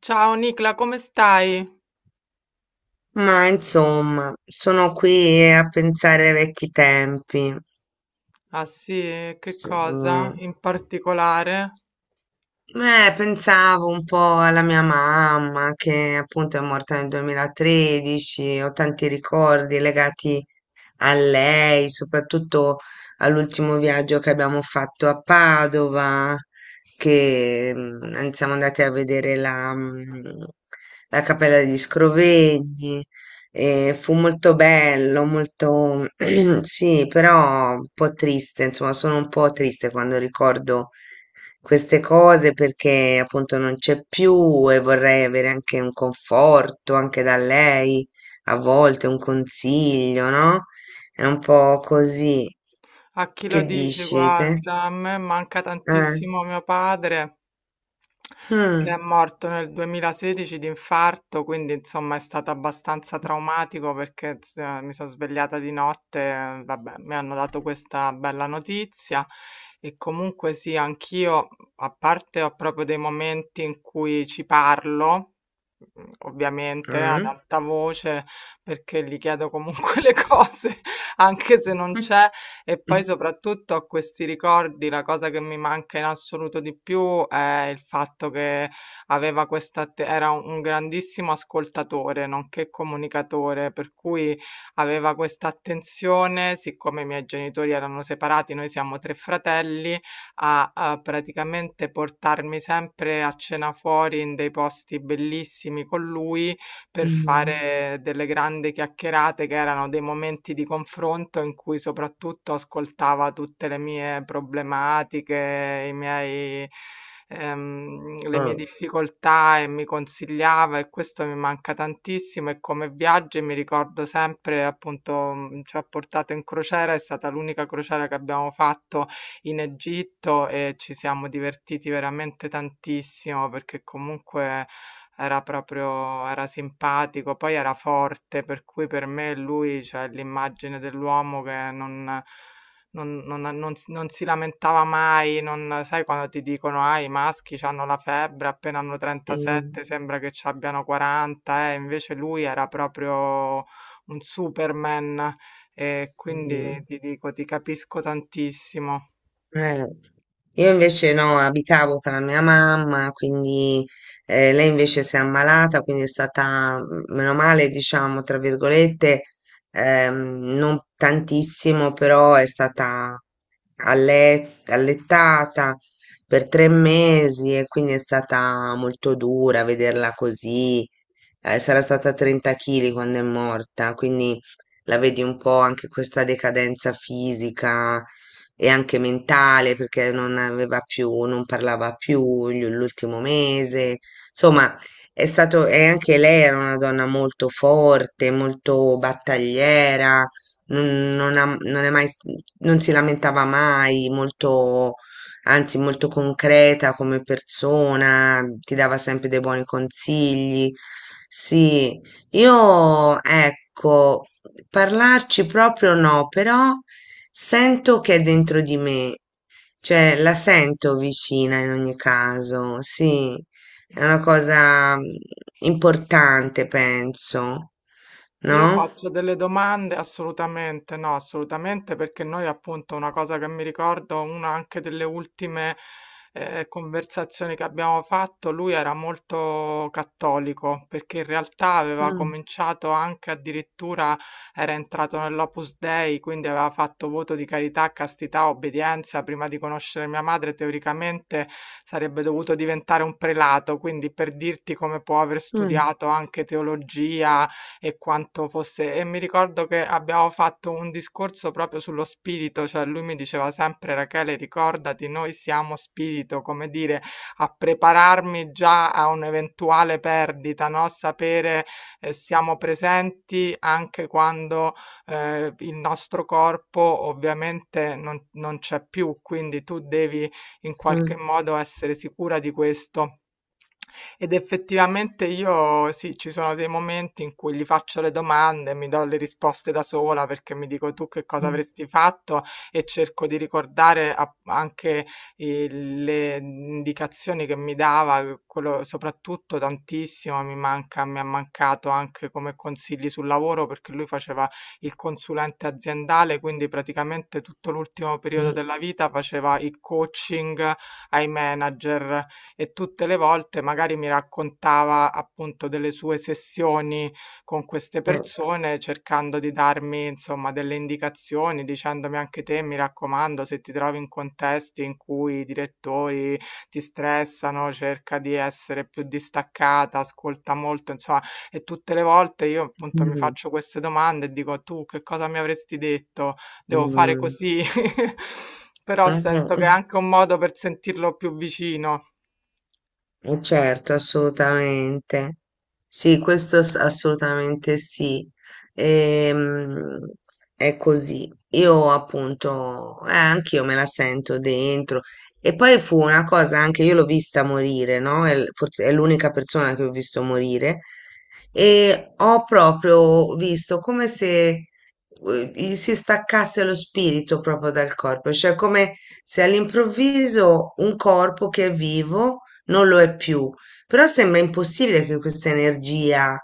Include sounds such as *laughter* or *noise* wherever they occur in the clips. Ciao Nicla, come stai? Ma insomma, sono qui a pensare ai vecchi tempi. Ah sì, e che Sì. cosa in particolare? Pensavo un po' alla mia mamma che appunto è morta nel 2013, ho tanti ricordi legati a lei, soprattutto all'ultimo viaggio che abbiamo fatto a Padova, che siamo andati a vedere la Cappella degli Scrovegni. E fu molto bello, molto *clears throat* sì, però un po' triste, insomma, sono un po' triste quando ricordo queste cose perché appunto non c'è più e vorrei avere anche un conforto anche da lei, a volte un consiglio, no? È un po' così. A chi lo Che dici? dici te? Guarda, a me manca Eh? tantissimo mio padre. Che è Mm. morto nel 2016 di infarto, quindi insomma è stato abbastanza traumatico perché mi sono svegliata di notte, vabbè, mi hanno dato questa bella notizia e comunque sì, anch'io, a parte ho proprio dei momenti in cui ci parlo, ovviamente ad Mm. alta voce, perché gli chiedo comunque *laughs* le cose, anche se non c'è, e poi soprattutto ho questi ricordi, la cosa che mi manca in assoluto di più è il fatto che era un grandissimo ascoltatore, nonché comunicatore, per cui aveva questa attenzione, siccome i miei genitori erano separati, noi siamo tre fratelli, a praticamente portarmi sempre a cena fuori in dei posti bellissimi con lui per Mm. fare delle grandi chiacchierate che erano dei momenti di confronto in cui soprattutto ascoltava tutte le mie problematiche, i miei, le mie Oh, difficoltà e mi consigliava e questo mi manca tantissimo e come viaggi mi ricordo sempre appunto ci ha portato in crociera, è stata l'unica crociera che abbiamo fatto in Egitto e ci siamo divertiti veramente tantissimo perché comunque era proprio era simpatico, poi era forte, per cui per me lui, cioè, è l'immagine dell'uomo che non si lamentava mai, non sai quando ti dicono: "Ah, i maschi c'hanno la febbre, appena hanno mm, 37 sembra che c'abbiano 40", invece lui era proprio un superman e quindi mm. ti dico, ti capisco tantissimo. Eh. *laughs* Io invece no, abitavo con la mia mamma, quindi lei invece si è ammalata, quindi è stata, meno male, diciamo, tra virgolette, ehm, non tantissimo, però è stata allettata per 3 mesi e quindi è stata molto dura vederla così. Sarà stata 30 kg quando è morta, quindi la vedi un po' anche questa decadenza fisica e anche mentale perché non aveva più, non parlava più l'ultimo mese. Insomma, è stato, e anche lei era una donna molto forte, molto battagliera non è mai, non si lamentava mai, molto, anzi molto concreta come persona, ti dava sempre dei buoni consigli. Sì, io ecco, parlarci proprio no, però sento che è dentro di me, cioè la sento vicina in ogni caso, sì, è una cosa importante, penso, Io no? faccio delle domande? Assolutamente no, assolutamente perché noi appunto una cosa che mi ricordo, una anche delle ultime conversazioni che abbiamo fatto, lui era molto cattolico perché in realtà aveva Mm, cominciato anche addirittura, era entrato nell'Opus Dei, quindi aveva fatto voto di carità, castità, obbedienza, prima di conoscere mia madre teoricamente sarebbe dovuto diventare un prelato, quindi per dirti come può aver mm, studiato anche teologia e quanto fosse e mi ricordo che abbiamo fatto un discorso proprio sullo spirito, cioè lui mi diceva sempre Rachele, ricordati, noi siamo spirito, come dire, a prepararmi già a un'eventuale perdita, no? Sapere siamo presenti anche quando il nostro corpo ovviamente non c'è più, quindi tu devi in mm. qualche modo essere sicura di questo. Ed effettivamente io sì, ci sono dei momenti in cui gli faccio le domande e mi do le risposte da sola perché mi dico tu che cosa Mh, avresti fatto e cerco di ricordare anche le indicazioni che mi dava, quello soprattutto tantissimo mi manca, mi ha mancato anche come consigli sul lavoro perché lui faceva il consulente aziendale, quindi praticamente tutto l'ultimo periodo mh, della vita faceva il coaching ai manager e tutte le volte magari mi raccontava appunto delle sue sessioni con queste eh, persone, cercando di darmi insomma delle indicazioni, dicendomi anche te, mi raccomando, se ti trovi in contesti in cui i direttori ti stressano, cerca di essere più distaccata, ascolta molto, insomma, e tutte le volte io appunto mi mh, faccio queste domande e dico tu che cosa mi avresti detto? Devo fare mh. così? *laughs* Però Ah, sento che è eh. anche un modo per sentirlo più vicino. Certo, assolutamente. Sì, questo assolutamente sì. Ehm, è così. Io appunto, anch'io me la sento dentro. E poi fu una cosa anche, io l'ho vista morire, no? È forse è l'unica persona che ho visto morire. E ho proprio visto come se gli si staccasse lo spirito proprio dal corpo, cioè come se all'improvviso un corpo che è vivo non lo è più, però sembra impossibile che questa energia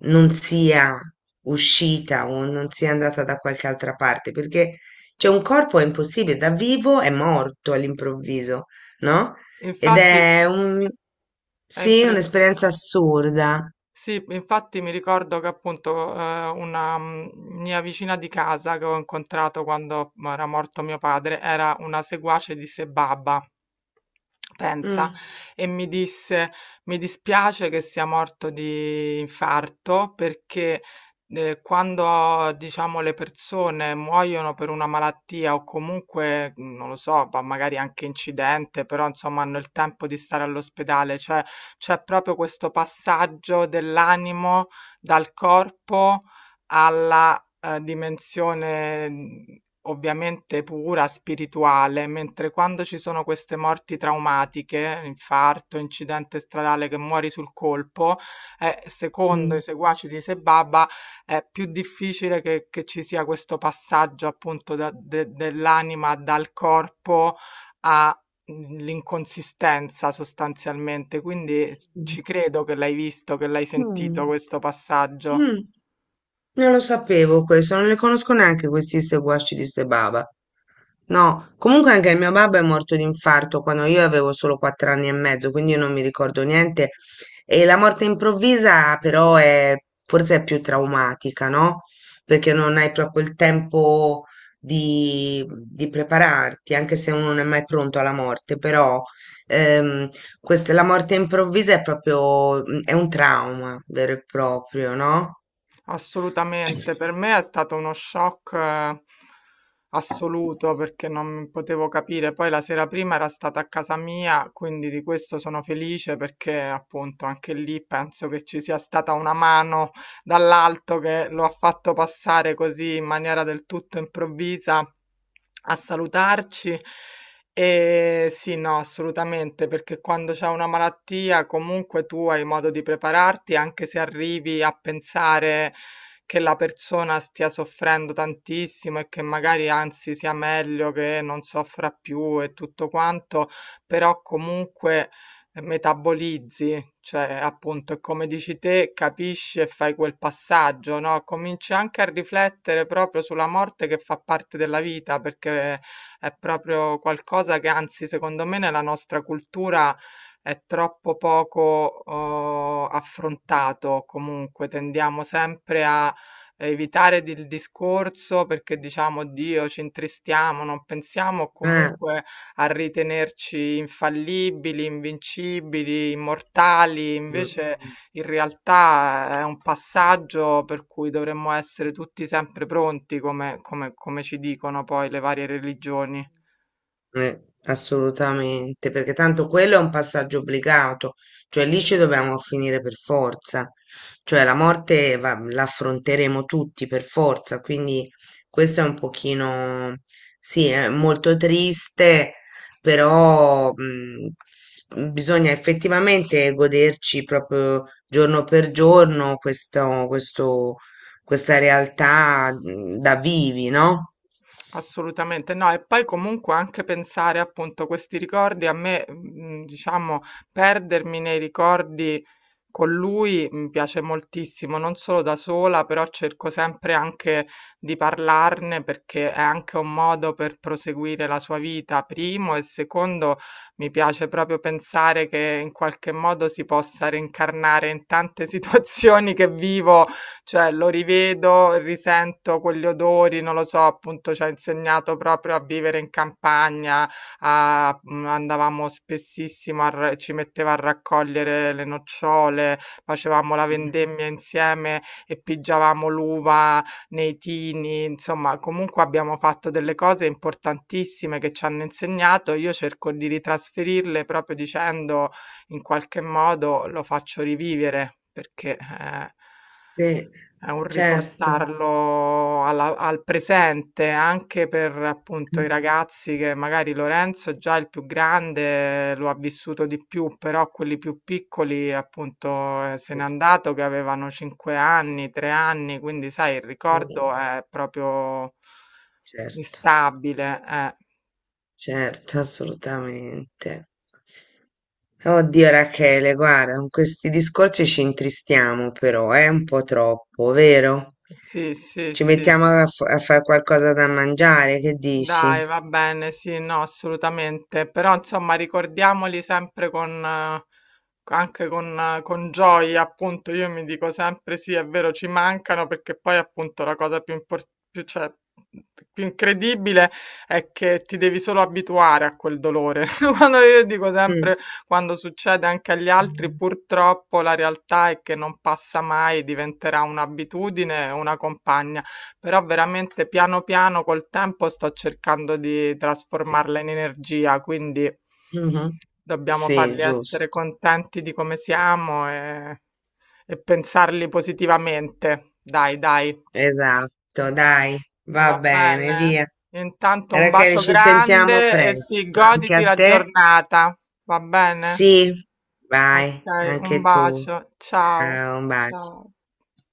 non sia uscita o non sia andata da qualche altra parte, perché cioè, un corpo è impossibile, da vivo è morto all'improvviso, no? E Ed infatti è un, è sì, impre- un'esperienza assurda. sì, infatti mi ricordo che appunto una mia vicina di casa che ho incontrato quando era morto mio padre era una seguace di Sebaba. Pensa, Mm, e mi disse: Mi dispiace che sia morto di infarto perché quando diciamo le persone muoiono per una malattia o comunque non lo so, ma magari anche incidente, però insomma hanno il tempo di stare all'ospedale, cioè c'è proprio questo passaggio dell'animo dal corpo alla dimensione ovviamente pura, spirituale, mentre quando ci sono queste morti traumatiche, infarto, incidente stradale che muori sul colpo, secondo mm, i seguaci di Sebaba è più difficile che ci sia questo passaggio appunto dell'anima dal corpo all'inconsistenza sostanzialmente. Quindi mm, ci credo che l'hai visto, che l'hai mm. sentito questo passaggio. Mm. Non lo sapevo questo, non li conosco neanche questi ste guasci di ste baba. No, comunque anche il mio babbo è morto di infarto quando io avevo solo 4 anni e mezzo, quindi io non mi ricordo niente. E la morte improvvisa però è forse è più traumatica, no? Perché non hai proprio il tempo di prepararti, anche se uno non è mai pronto alla morte, però ehm, questa, la morte improvvisa è proprio, è un trauma vero e proprio, no? Assolutamente, per me è stato uno shock assoluto perché non potevo capire. Poi la sera prima era stata a casa mia, quindi di questo sono felice perché appunto anche lì penso che ci sia stata una mano dall'alto che lo ha fatto passare così in maniera del tutto improvvisa a salutarci. E sì, no, assolutamente, perché quando c'è una malattia comunque tu hai modo di prepararti, anche se arrivi a pensare che la persona stia soffrendo tantissimo e che magari anzi sia meglio che non soffra più e tutto quanto, però comunque metabolizzi, cioè appunto, come dici te, capisci e fai quel passaggio, no? Cominci anche a riflettere proprio sulla morte che fa parte della vita, perché è proprio qualcosa che, anzi, secondo me, nella nostra cultura è troppo poco affrontato. Comunque, tendiamo sempre a evitare il discorso perché diciamo Dio, ci intristiamo, non pensiamo Eh. comunque a ritenerci infallibili, invincibili, immortali, Mh, mh, invece in realtà è un passaggio per cui dovremmo essere tutti sempre pronti, come, come ci dicono poi le varie religioni. Assolutamente, perché tanto quello è un passaggio obbligato, cioè lì ci dobbiamo finire per forza, cioè la morte la affronteremo tutti per forza, quindi questo è un pochino, sì, è molto triste, però bisogna effettivamente goderci proprio giorno per giorno questo, questa realtà da vivi, no? Assolutamente no, e poi comunque anche pensare appunto questi ricordi, a me, diciamo, perdermi nei ricordi con lui mi piace moltissimo, non solo da sola, però cerco sempre anche di parlarne perché è anche un modo per proseguire la sua vita, primo, e secondo mi piace proprio pensare che in qualche modo si possa reincarnare in tante *laughs* situazioni che vivo cioè lo rivedo, risento quegli odori, non lo so, appunto ci ha insegnato proprio a vivere in campagna, andavamo spessissimo, ci metteva a raccogliere le nocciole, facevamo la vendemmia insieme e pigiavamo l'uva nei tini, insomma, comunque abbiamo fatto delle cose importantissime che ci hanno insegnato. Io cerco di ritrasferirle proprio dicendo in qualche modo lo faccio rivivere perché Sì, è un certo. riportarlo al presente anche per appunto i Eh, ragazzi che magari Lorenzo già il più grande lo ha vissuto di più, però quelli più piccoli appunto se n'è eh, andato che avevano 5 anni, 3 anni, quindi sai il va ricordo bene. è proprio Certo, instabile. Certo, assolutamente. Oddio Rachele, guarda, con questi discorsi ci intristiamo però, è un po' troppo, vero? Sì, sì, Ci sì. mettiamo a fare qualcosa da mangiare, che dici? Dai, va bene, sì, no, assolutamente, però insomma ricordiamoli sempre con, anche con gioia, appunto, io mi dico sempre sì, è vero, ci mancano perché poi appunto la cosa più, cioè, più incredibile è che ti devi solo abituare a quel dolore. *laughs* Quando io dico Mm, sempre, quando succede anche agli altri, purtroppo la realtà è che non passa mai, diventerà un'abitudine, una compagna. Però veramente piano piano col tempo sto cercando di sì. trasformarla in energia, quindi Mhm. dobbiamo Sì, farli essere giusto. contenti di come siamo e pensarli positivamente. Dai, dai, Esatto, dai, va va bene, bene. via. Intanto un Rachele, bacio ci sentiamo grande e sì, presto, anche goditi a la te. giornata, va bene? Sì, vai, Ok, un anche tu. bacio, ciao, Ciao, un bacio. ciao.